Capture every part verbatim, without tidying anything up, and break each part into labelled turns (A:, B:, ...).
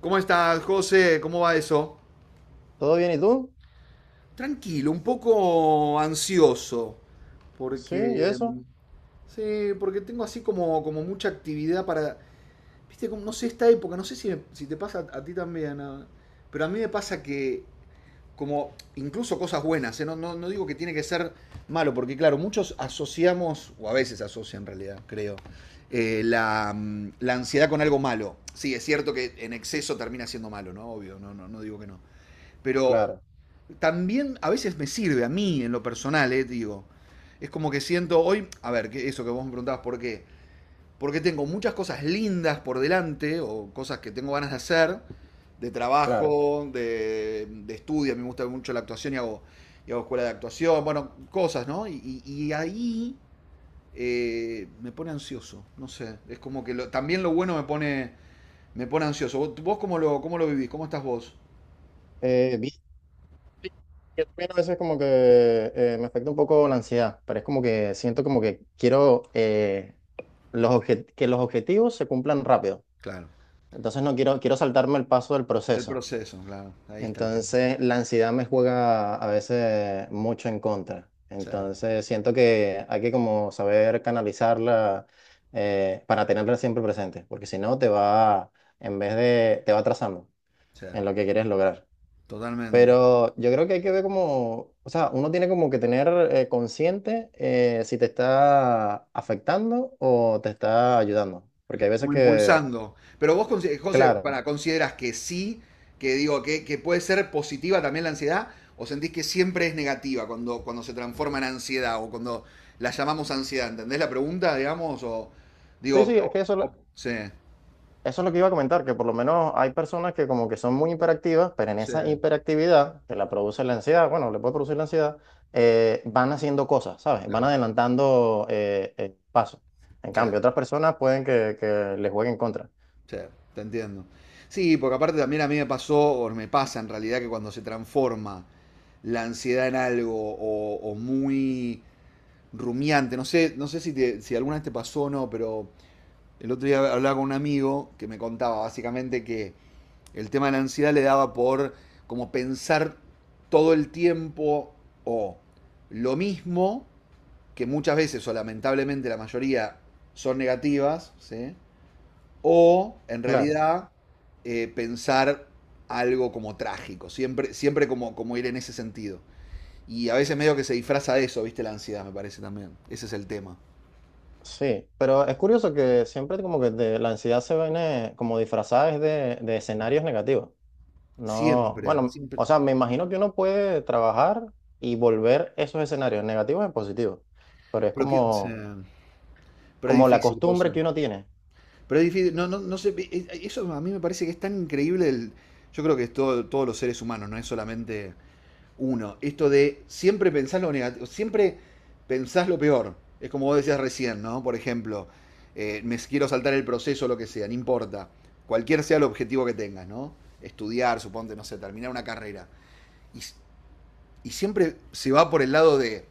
A: ¿Cómo estás, José? ¿Cómo va eso?
B: ¿Todo bien? ¿Y tú?
A: Tranquilo, un poco ansioso,
B: Sí, ¿y
A: porque mm,
B: eso?
A: sí, porque tengo así como, como mucha actividad para, viste, como, no sé, esta época, no sé si, me- si te pasa a, a ti también, ah, pero a mí me pasa que, como, incluso cosas buenas, ¿eh? No, no, no digo que tiene que ser malo, porque claro, muchos asociamos, o a veces asocian en realidad, creo, eh, la, mm, la ansiedad con algo malo. Sí, es cierto que en exceso termina siendo malo, ¿no? Obvio, no, no, no digo que no. Pero
B: Claro,
A: también a veces me sirve a mí en lo personal, eh, digo. Es como que siento hoy, a ver, que eso que vos me preguntabas, ¿por qué? Porque tengo muchas cosas lindas por delante o cosas que tengo ganas de hacer, de
B: claro.
A: trabajo, de, de estudio, a mí me gusta mucho la actuación y hago, y hago escuela de actuación, bueno, cosas, ¿no? Y, y- y ahí eh, me pone ansioso, no sé, es como que lo- también lo bueno me pone, me pone ansioso. ¿Vos, vos cómo lo, cómo lo vivís? ¿Cómo estás vos?
B: Eh, vi- sí, yo también a veces como que eh, me afecta un poco la ansiedad, pero es como que siento como que quiero eh, los obje- que los objetivos se cumplan rápido.
A: Claro,
B: Entonces no quiero, quiero saltarme el paso del
A: el
B: proceso.
A: proceso, claro, ahí está el tema.
B: Entonces la ansiedad me juega a veces mucho en contra.
A: Sí.
B: Entonces siento que hay que como saber canalizarla eh, para tenerla siempre presente, porque si no te va, en vez de, te va atrasando
A: Sí,
B: en lo que quieres lograr.
A: totalmente.
B: Pero yo creo que hay que ver como, o sea, uno tiene como que tener eh, consciente, eh, si te está afectando o te está ayudando. Porque hay veces
A: Como
B: que,
A: impulsando. Pero vos, consi- José,
B: claro,
A: para, ¿consideras que sí, que digo, que, que puede ser positiva también la ansiedad? ¿O sentís que siempre es negativa cuando, cuando se transforma en ansiedad o cuando la llamamos ansiedad? ¿Entendés la pregunta, digamos? O
B: sí,
A: digo,
B: sí, es que
A: o-
B: eso,
A: o- sí,
B: eso es lo que iba a comentar, que por lo menos hay personas que como que son muy hiperactivas, pero en
A: sí,
B: esa hiperactividad que la produce la ansiedad, bueno, le puede producir la ansiedad, eh, van haciendo cosas, ¿sabes? Van
A: claro,
B: adelantando eh, eh, pasos. En
A: sí,
B: cambio, otras personas pueden que, que les jueguen en contra.
A: sí, te entiendo. Sí, porque aparte también a mí me pasó, o me pasa en realidad, que cuando se transforma la ansiedad en algo o, o muy rumiante. No sé, no sé si, te- si alguna vez te pasó o no, pero el otro día hablaba con un amigo que me contaba básicamente que el tema de la ansiedad le daba por como pensar todo el tiempo o lo mismo, que muchas veces o lamentablemente la mayoría son negativas, ¿sí? O en
B: Claro.
A: realidad eh, pensar algo como trágico, siempre, siempre como, como ir en ese sentido. Y a veces medio que se disfraza de eso, ¿viste? La ansiedad, me parece también. Ese es el tema.
B: Sí, pero es curioso que siempre como que de- la ansiedad se viene como disfrazada es de, de escenarios negativos. No,
A: Siempre,
B: bueno,
A: siempre.
B: o sea, me imagino que uno puede trabajar y volver esos escenarios negativos en positivos, pero es
A: Pero, que, o
B: como,
A: sea, pero es
B: como la
A: difícil,
B: costumbre
A: cosa.
B: que uno tiene.
A: Pero es difícil, no, no, no sé, es- eso a mí me parece que es tan increíble, el- yo creo que es todo, todos los seres humanos, no es solamente uno. Esto de siempre pensar lo negativo, siempre pensás lo peor. Es como vos decías recién, ¿no? Por ejemplo, eh, me quiero saltar el proceso, lo que sea, no importa. Cualquier sea el objetivo que tengas, ¿no? Estudiar, suponte, no sé, terminar una carrera. Y, s- y siempre se va por el lado de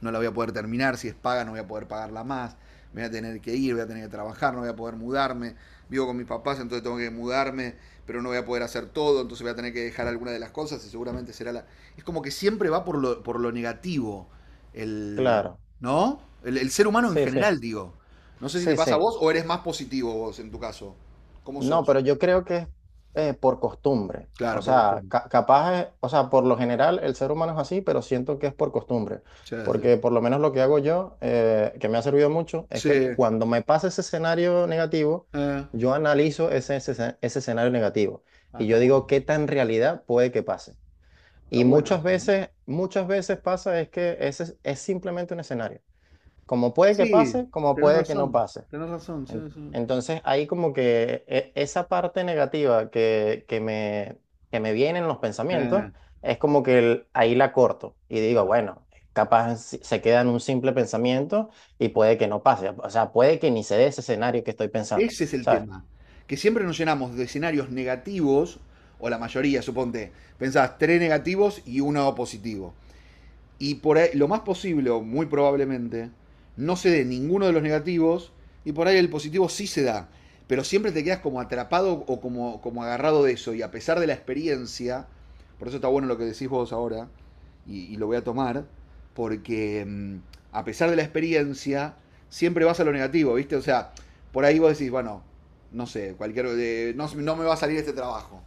A: no la voy a poder terminar, si es paga no voy a poder pagarla más, me voy a tener que ir, voy a tener que trabajar, no voy a poder mudarme, vivo con mis papás, entonces tengo que mudarme, pero no voy a poder hacer todo, entonces voy a tener que dejar alguna de las cosas y seguramente será la... Es como que siempre va por lo, por lo negativo, el,
B: Claro,
A: ¿no? El, el ser humano en
B: sí, sí,
A: general, digo. No sé si te
B: sí,
A: pasa a
B: sí.
A: vos o eres más positivo vos en tu caso. ¿Cómo
B: No,
A: sos?
B: pero yo creo que es eh, por costumbre. O
A: Claro, por
B: sea,
A: costumbre.
B: ca- capaz, es- o sea, por lo general el ser humano es así, pero siento que es por costumbre.
A: Sí, sí.
B: Porque por lo menos lo que hago yo, eh, que me ha servido mucho, es
A: Sí.
B: que cuando me pasa ese escenario negativo,
A: eh,
B: yo analizo ese, ese, ese escenario negativo
A: Ah,
B: y
A: está
B: yo
A: bueno.
B: digo qué tan realidad puede que pase.
A: Está
B: Y
A: bueno
B: muchas
A: eso, ¿no?
B: veces, muchas veces pasa es que ese es es simplemente un escenario. Como puede que
A: Sí,
B: pase, como
A: tenés
B: puede que no
A: razón,
B: pase.
A: tenés razón. Sí,
B: En-
A: sí.
B: Entonces, ahí como que e- esa parte negativa que, que me, que me viene en los pensamientos,
A: Eh,
B: es como que el- ahí la corto y digo, bueno, capaz si- se queda en un simple pensamiento y puede que no pase, o sea, puede que ni se dé ese escenario que estoy pensando,
A: Ese es el
B: ¿sabes?
A: tema. Que siempre nos llenamos de escenarios negativos, o la mayoría, suponte. Pensás tres negativos y uno positivo. Y por ahí, lo más posible, o muy probablemente, no se dé ninguno de los negativos y por ahí el positivo sí se da. Pero siempre te quedas como atrapado o como, como agarrado de eso. Y a pesar de la experiencia, por eso está bueno lo que decís vos ahora, y, y lo voy a tomar, porque mm, a pesar de la experiencia, siempre vas a lo negativo, ¿viste? O sea, por ahí vos decís, bueno, no sé, cualquier. eh, no, no me va a salir este trabajo.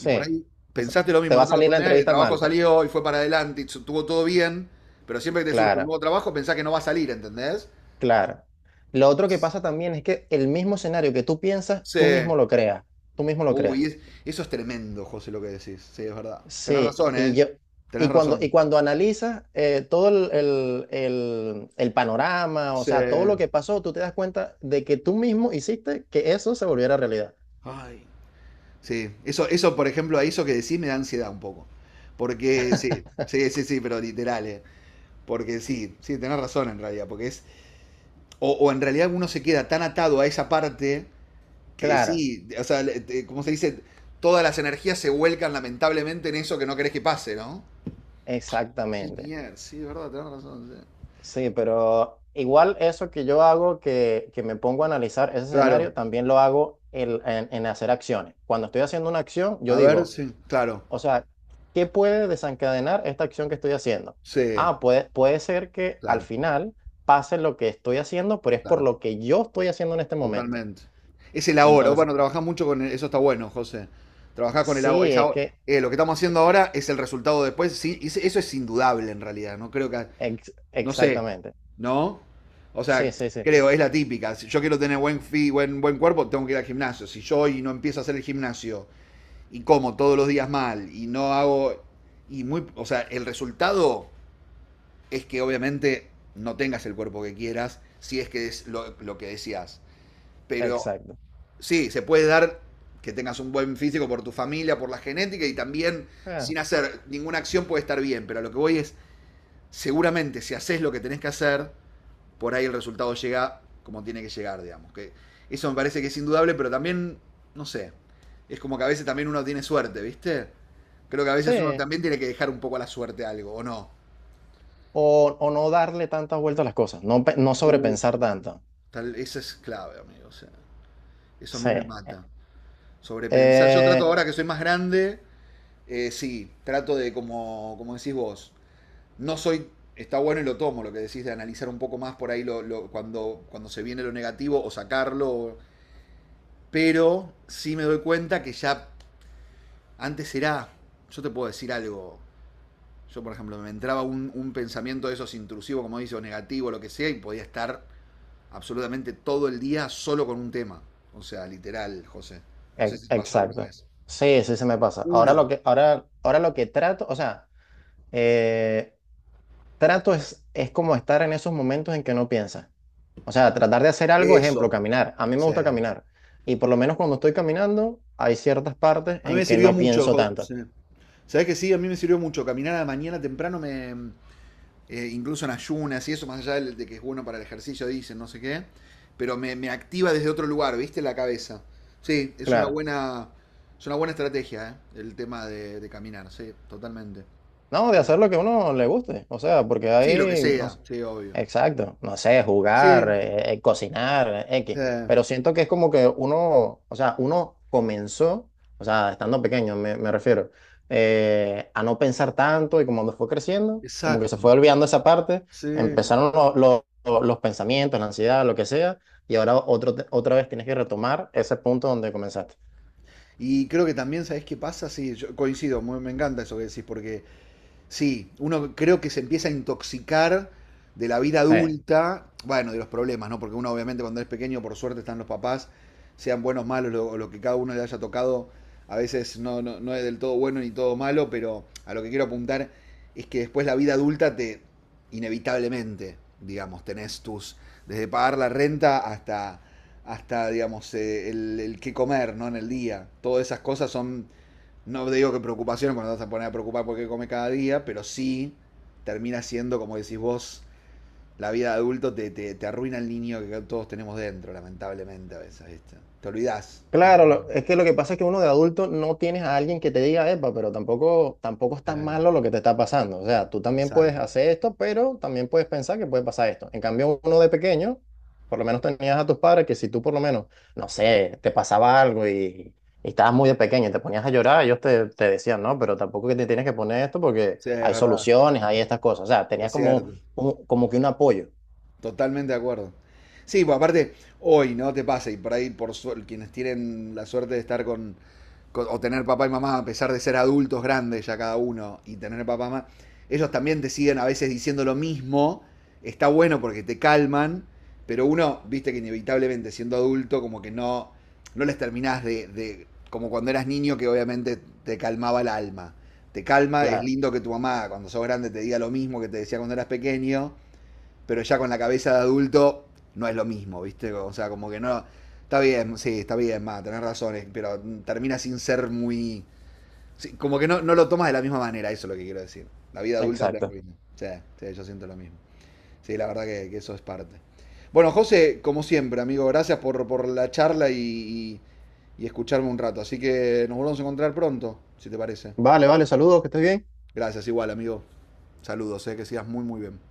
A: Y por ahí
B: Eso-
A: pensaste lo
B: Te
A: mismo
B: va
A: en
B: a
A: otra
B: salir la
A: oportunidad, y el
B: entrevista
A: trabajo
B: mal, te-
A: salió y fue para adelante y estuvo todo bien, pero siempre que te surge un
B: claro,
A: nuevo trabajo pensás que no va a salir, ¿entendés?
B: claro. Lo otro que pasa también es que el mismo escenario que tú piensas, tú
A: Sí.
B: mismo lo creas, tú mismo lo creas.
A: Uy, es- eso es tremendo, José, lo que decís. Sí, es verdad. Tenés
B: Sí,
A: razón,
B: y
A: ¿eh?
B: yo,
A: Tenés
B: y cuando,
A: razón.
B: y cuando analizas, eh, todo el, el- el- el panorama, o
A: Sí.
B: sea, todo lo que pasó, tú te das cuenta de que tú mismo hiciste que eso se volviera realidad.
A: Ay. Sí, eso, eso, por ejemplo, a eso que decís me da ansiedad un poco. Porque sí, sí, sí, sí, pero literal, ¿eh? Porque sí, sí, tenés razón en realidad, porque es... O, o en realidad uno se queda tan atado a esa parte que
B: Claro,
A: sí, o sea, como se dice, todas las energías se vuelcan lamentablemente en eso que no querés que pase, ¿no? Qué
B: exactamente.
A: mierda, sí, de verdad, tenés razón. Sí.
B: Sí, pero igual eso que yo hago, que, que me pongo a analizar ese
A: Claro,
B: escenario, también lo hago el- en, en hacer acciones. Cuando estoy haciendo una acción, yo
A: a ver,
B: digo,
A: sí, claro,
B: o sea, ¿qué puede desencadenar esta acción que estoy haciendo?
A: sí,
B: Ah, puede, puede ser que al
A: claro,
B: final pase lo que estoy haciendo, pero es por
A: claro,
B: lo que yo estoy haciendo en este momento.
A: totalmente. Es el ahora, oh,
B: Entonces,
A: bueno, trabajás mucho con el- eso, está bueno, José. Trabajás con el ahora,
B: sí,
A: es
B: es
A: ahora-
B: que,
A: eh, lo que estamos haciendo ahora es el resultado después, sí, es- eso es indudable en realidad, no creo que
B: ex-
A: no sé,
B: exactamente.
A: ¿no? O
B: Sí,
A: sea,
B: sí, sí,
A: creo, es la típica. Si yo quiero tener buen, fi- buen, buen cuerpo, tengo que ir al gimnasio. Si yo hoy no empiezo a hacer el gimnasio y como todos los días mal y no hago. Y muy, o sea, el resultado es que obviamente no tengas el cuerpo que quieras, si es que es lo, lo que decías. Pero
B: exacto.
A: sí, se puede dar que tengas un buen físico por tu familia, por la genética y también
B: Ah,
A: sin hacer ninguna acción puede estar bien. Pero a lo que voy es, seguramente si haces lo que tenés que hacer, por ahí el resultado llega como tiene que llegar, digamos. Que eso me parece que es indudable, pero también, no sé, es como que a veces también uno tiene suerte, ¿viste? Creo que a veces uno
B: sí,
A: también tiene que dejar un poco a la suerte algo, ¿o no?
B: o, o no darle tantas vueltas a las cosas, no, pe- no sobrepensar tanto.
A: Tal, eso es clave, amigo. O sea, eso a
B: Sí,
A: mí me mata. Sobrepensar. Yo trato
B: eh,
A: ahora que soy más grande, eh, sí, trato de, como, como decís vos, no soy, está bueno y lo tomo, lo que decís de analizar un poco más por ahí lo, lo- cuando, cuando se viene lo negativo o sacarlo, o- pero sí me doy cuenta que ya Antes era, yo te puedo decir algo, yo por ejemplo me entraba un, un pensamiento de esos intrusivo, como dice, o negativo, lo que sea, y podía estar absolutamente todo el día solo con un tema. O sea, literal, José. No sé
B: e-
A: si te pasó alguna
B: exacto.
A: vez.
B: Sí, sí, se me pasa. Ahora lo
A: Uno,
B: que, ahora, ahora lo que trato, o sea... eh, Trato es, es como estar en esos momentos en que no piensas. O sea, tratar de hacer algo, ejemplo,
A: eso.
B: caminar. A mí me
A: Sí.
B: gusta
A: A
B: caminar. Y por lo menos cuando estoy caminando, hay ciertas partes
A: mí me
B: en que
A: sirvió
B: no
A: mucho,
B: pienso tanto.
A: José. ¿Sabes que sí? A mí me sirvió mucho. Caminar a la mañana temprano me, eh, incluso en ayunas y eso, más allá de, que es bueno para el ejercicio, dicen, no sé qué, pero me, me activa desde otro lugar, ¿viste? La cabeza. Sí, es una
B: Claro.
A: buena, es una buena estrategia, ¿eh? El tema de, de caminar, sí, totalmente.
B: No, de
A: Sí,
B: hacer lo que a uno le guste. O sea, porque
A: sí, lo que
B: ahí, no
A: sea,
B: sé,
A: sí, obvio.
B: exacto, no sé, jugar,
A: Sí,
B: eh, eh, cocinar, eh, X.
A: eh,
B: Pero siento que es como que uno, o sea, uno comenzó, o sea, estando pequeño, me, me refiero, eh, a no pensar tanto y como cuando fue creciendo, como que se
A: exacto.
B: fue olvidando esa parte,
A: Sí,
B: empezaron lo- lo- lo- los pensamientos, la ansiedad, lo que sea, y ahora otro, te- otra vez tienes que retomar ese punto donde comenzaste.
A: y creo que también, ¿sabés qué pasa? Sí, yo coincido, muy- me encanta eso que decís, porque Sí, uno creo que se empieza a intoxicar de la vida
B: Sí.
A: adulta, bueno, de los problemas, ¿no? Porque uno obviamente cuando es pequeño, por suerte están los papás, sean buenos, malos, lo, lo que cada uno le haya tocado, a veces no, no, no es del todo bueno ni todo malo, pero a lo que quiero apuntar es que después la vida adulta te, inevitablemente, digamos, tenés tus, desde pagar la renta hasta, hasta digamos, eh, el, el qué comer, ¿no? En el día. Todas esas cosas son no digo que preocupación cuando te vas a poner a preocupar por qué come cada día, pero sí termina siendo, como decís vos, la vida de adulto te, te, te arruina el niño que todos tenemos dentro, lamentablemente a veces, ¿viste? Te olvidás, ¿no?
B: Claro, lo- es que lo que pasa es que uno de adulto no tienes a alguien que te diga, epa, pero tampoco, tampoco es tan
A: Eh,
B: malo lo que te está pasando. O sea, tú también puedes
A: exacto.
B: hacer esto, pero también puedes pensar que puede pasar esto. En cambio, uno de pequeño, por lo menos tenías a tus padres que si tú por lo menos, no sé, te pasaba algo y, y estabas muy de pequeño y te ponías a llorar, ellos te, te decían, no, pero tampoco que te tienes que poner esto porque
A: Sí, es
B: hay
A: verdad,
B: soluciones, hay estas cosas. O sea, tenías
A: es
B: como,
A: cierto.
B: un- como que un apoyo.
A: Totalmente de acuerdo. Sí, pues aparte, hoy, ¿no? Te pasa, y por ahí, por su- quienes tienen la suerte de estar con, con- o tener papá y mamá, a pesar de ser adultos grandes ya cada uno, y tener papá y mamá, ellos también te siguen a veces diciendo lo mismo, está bueno porque te calman, pero uno, viste que inevitablemente siendo adulto, como que no, no les terminás de, de- como cuando eras niño, que obviamente te calmaba el alma. Te calma, es
B: Claro,
A: lindo que tu mamá, cuando sos grande, te diga lo mismo que te decía cuando eras pequeño, pero ya con la cabeza de adulto no es lo mismo, ¿viste? O sea, como que no. Está bien, sí, está bien, más, tenés razones, pero termina sin ser muy. sí, como que no, no lo tomas de la misma manera, eso es lo que quiero decir. La vida adulta te
B: exacto.
A: arruina. Sí, sí, yo siento lo mismo. Sí, la verdad que, que eso es parte. Bueno, José, como siempre, amigo, gracias por, por la charla y, y- y escucharme un rato. Así que nos volvemos a encontrar pronto, si te parece.
B: Vale, vale, saludos, que estés bien.
A: Gracias, igual, amigo. Saludos, eh, que sigas muy, muy bien.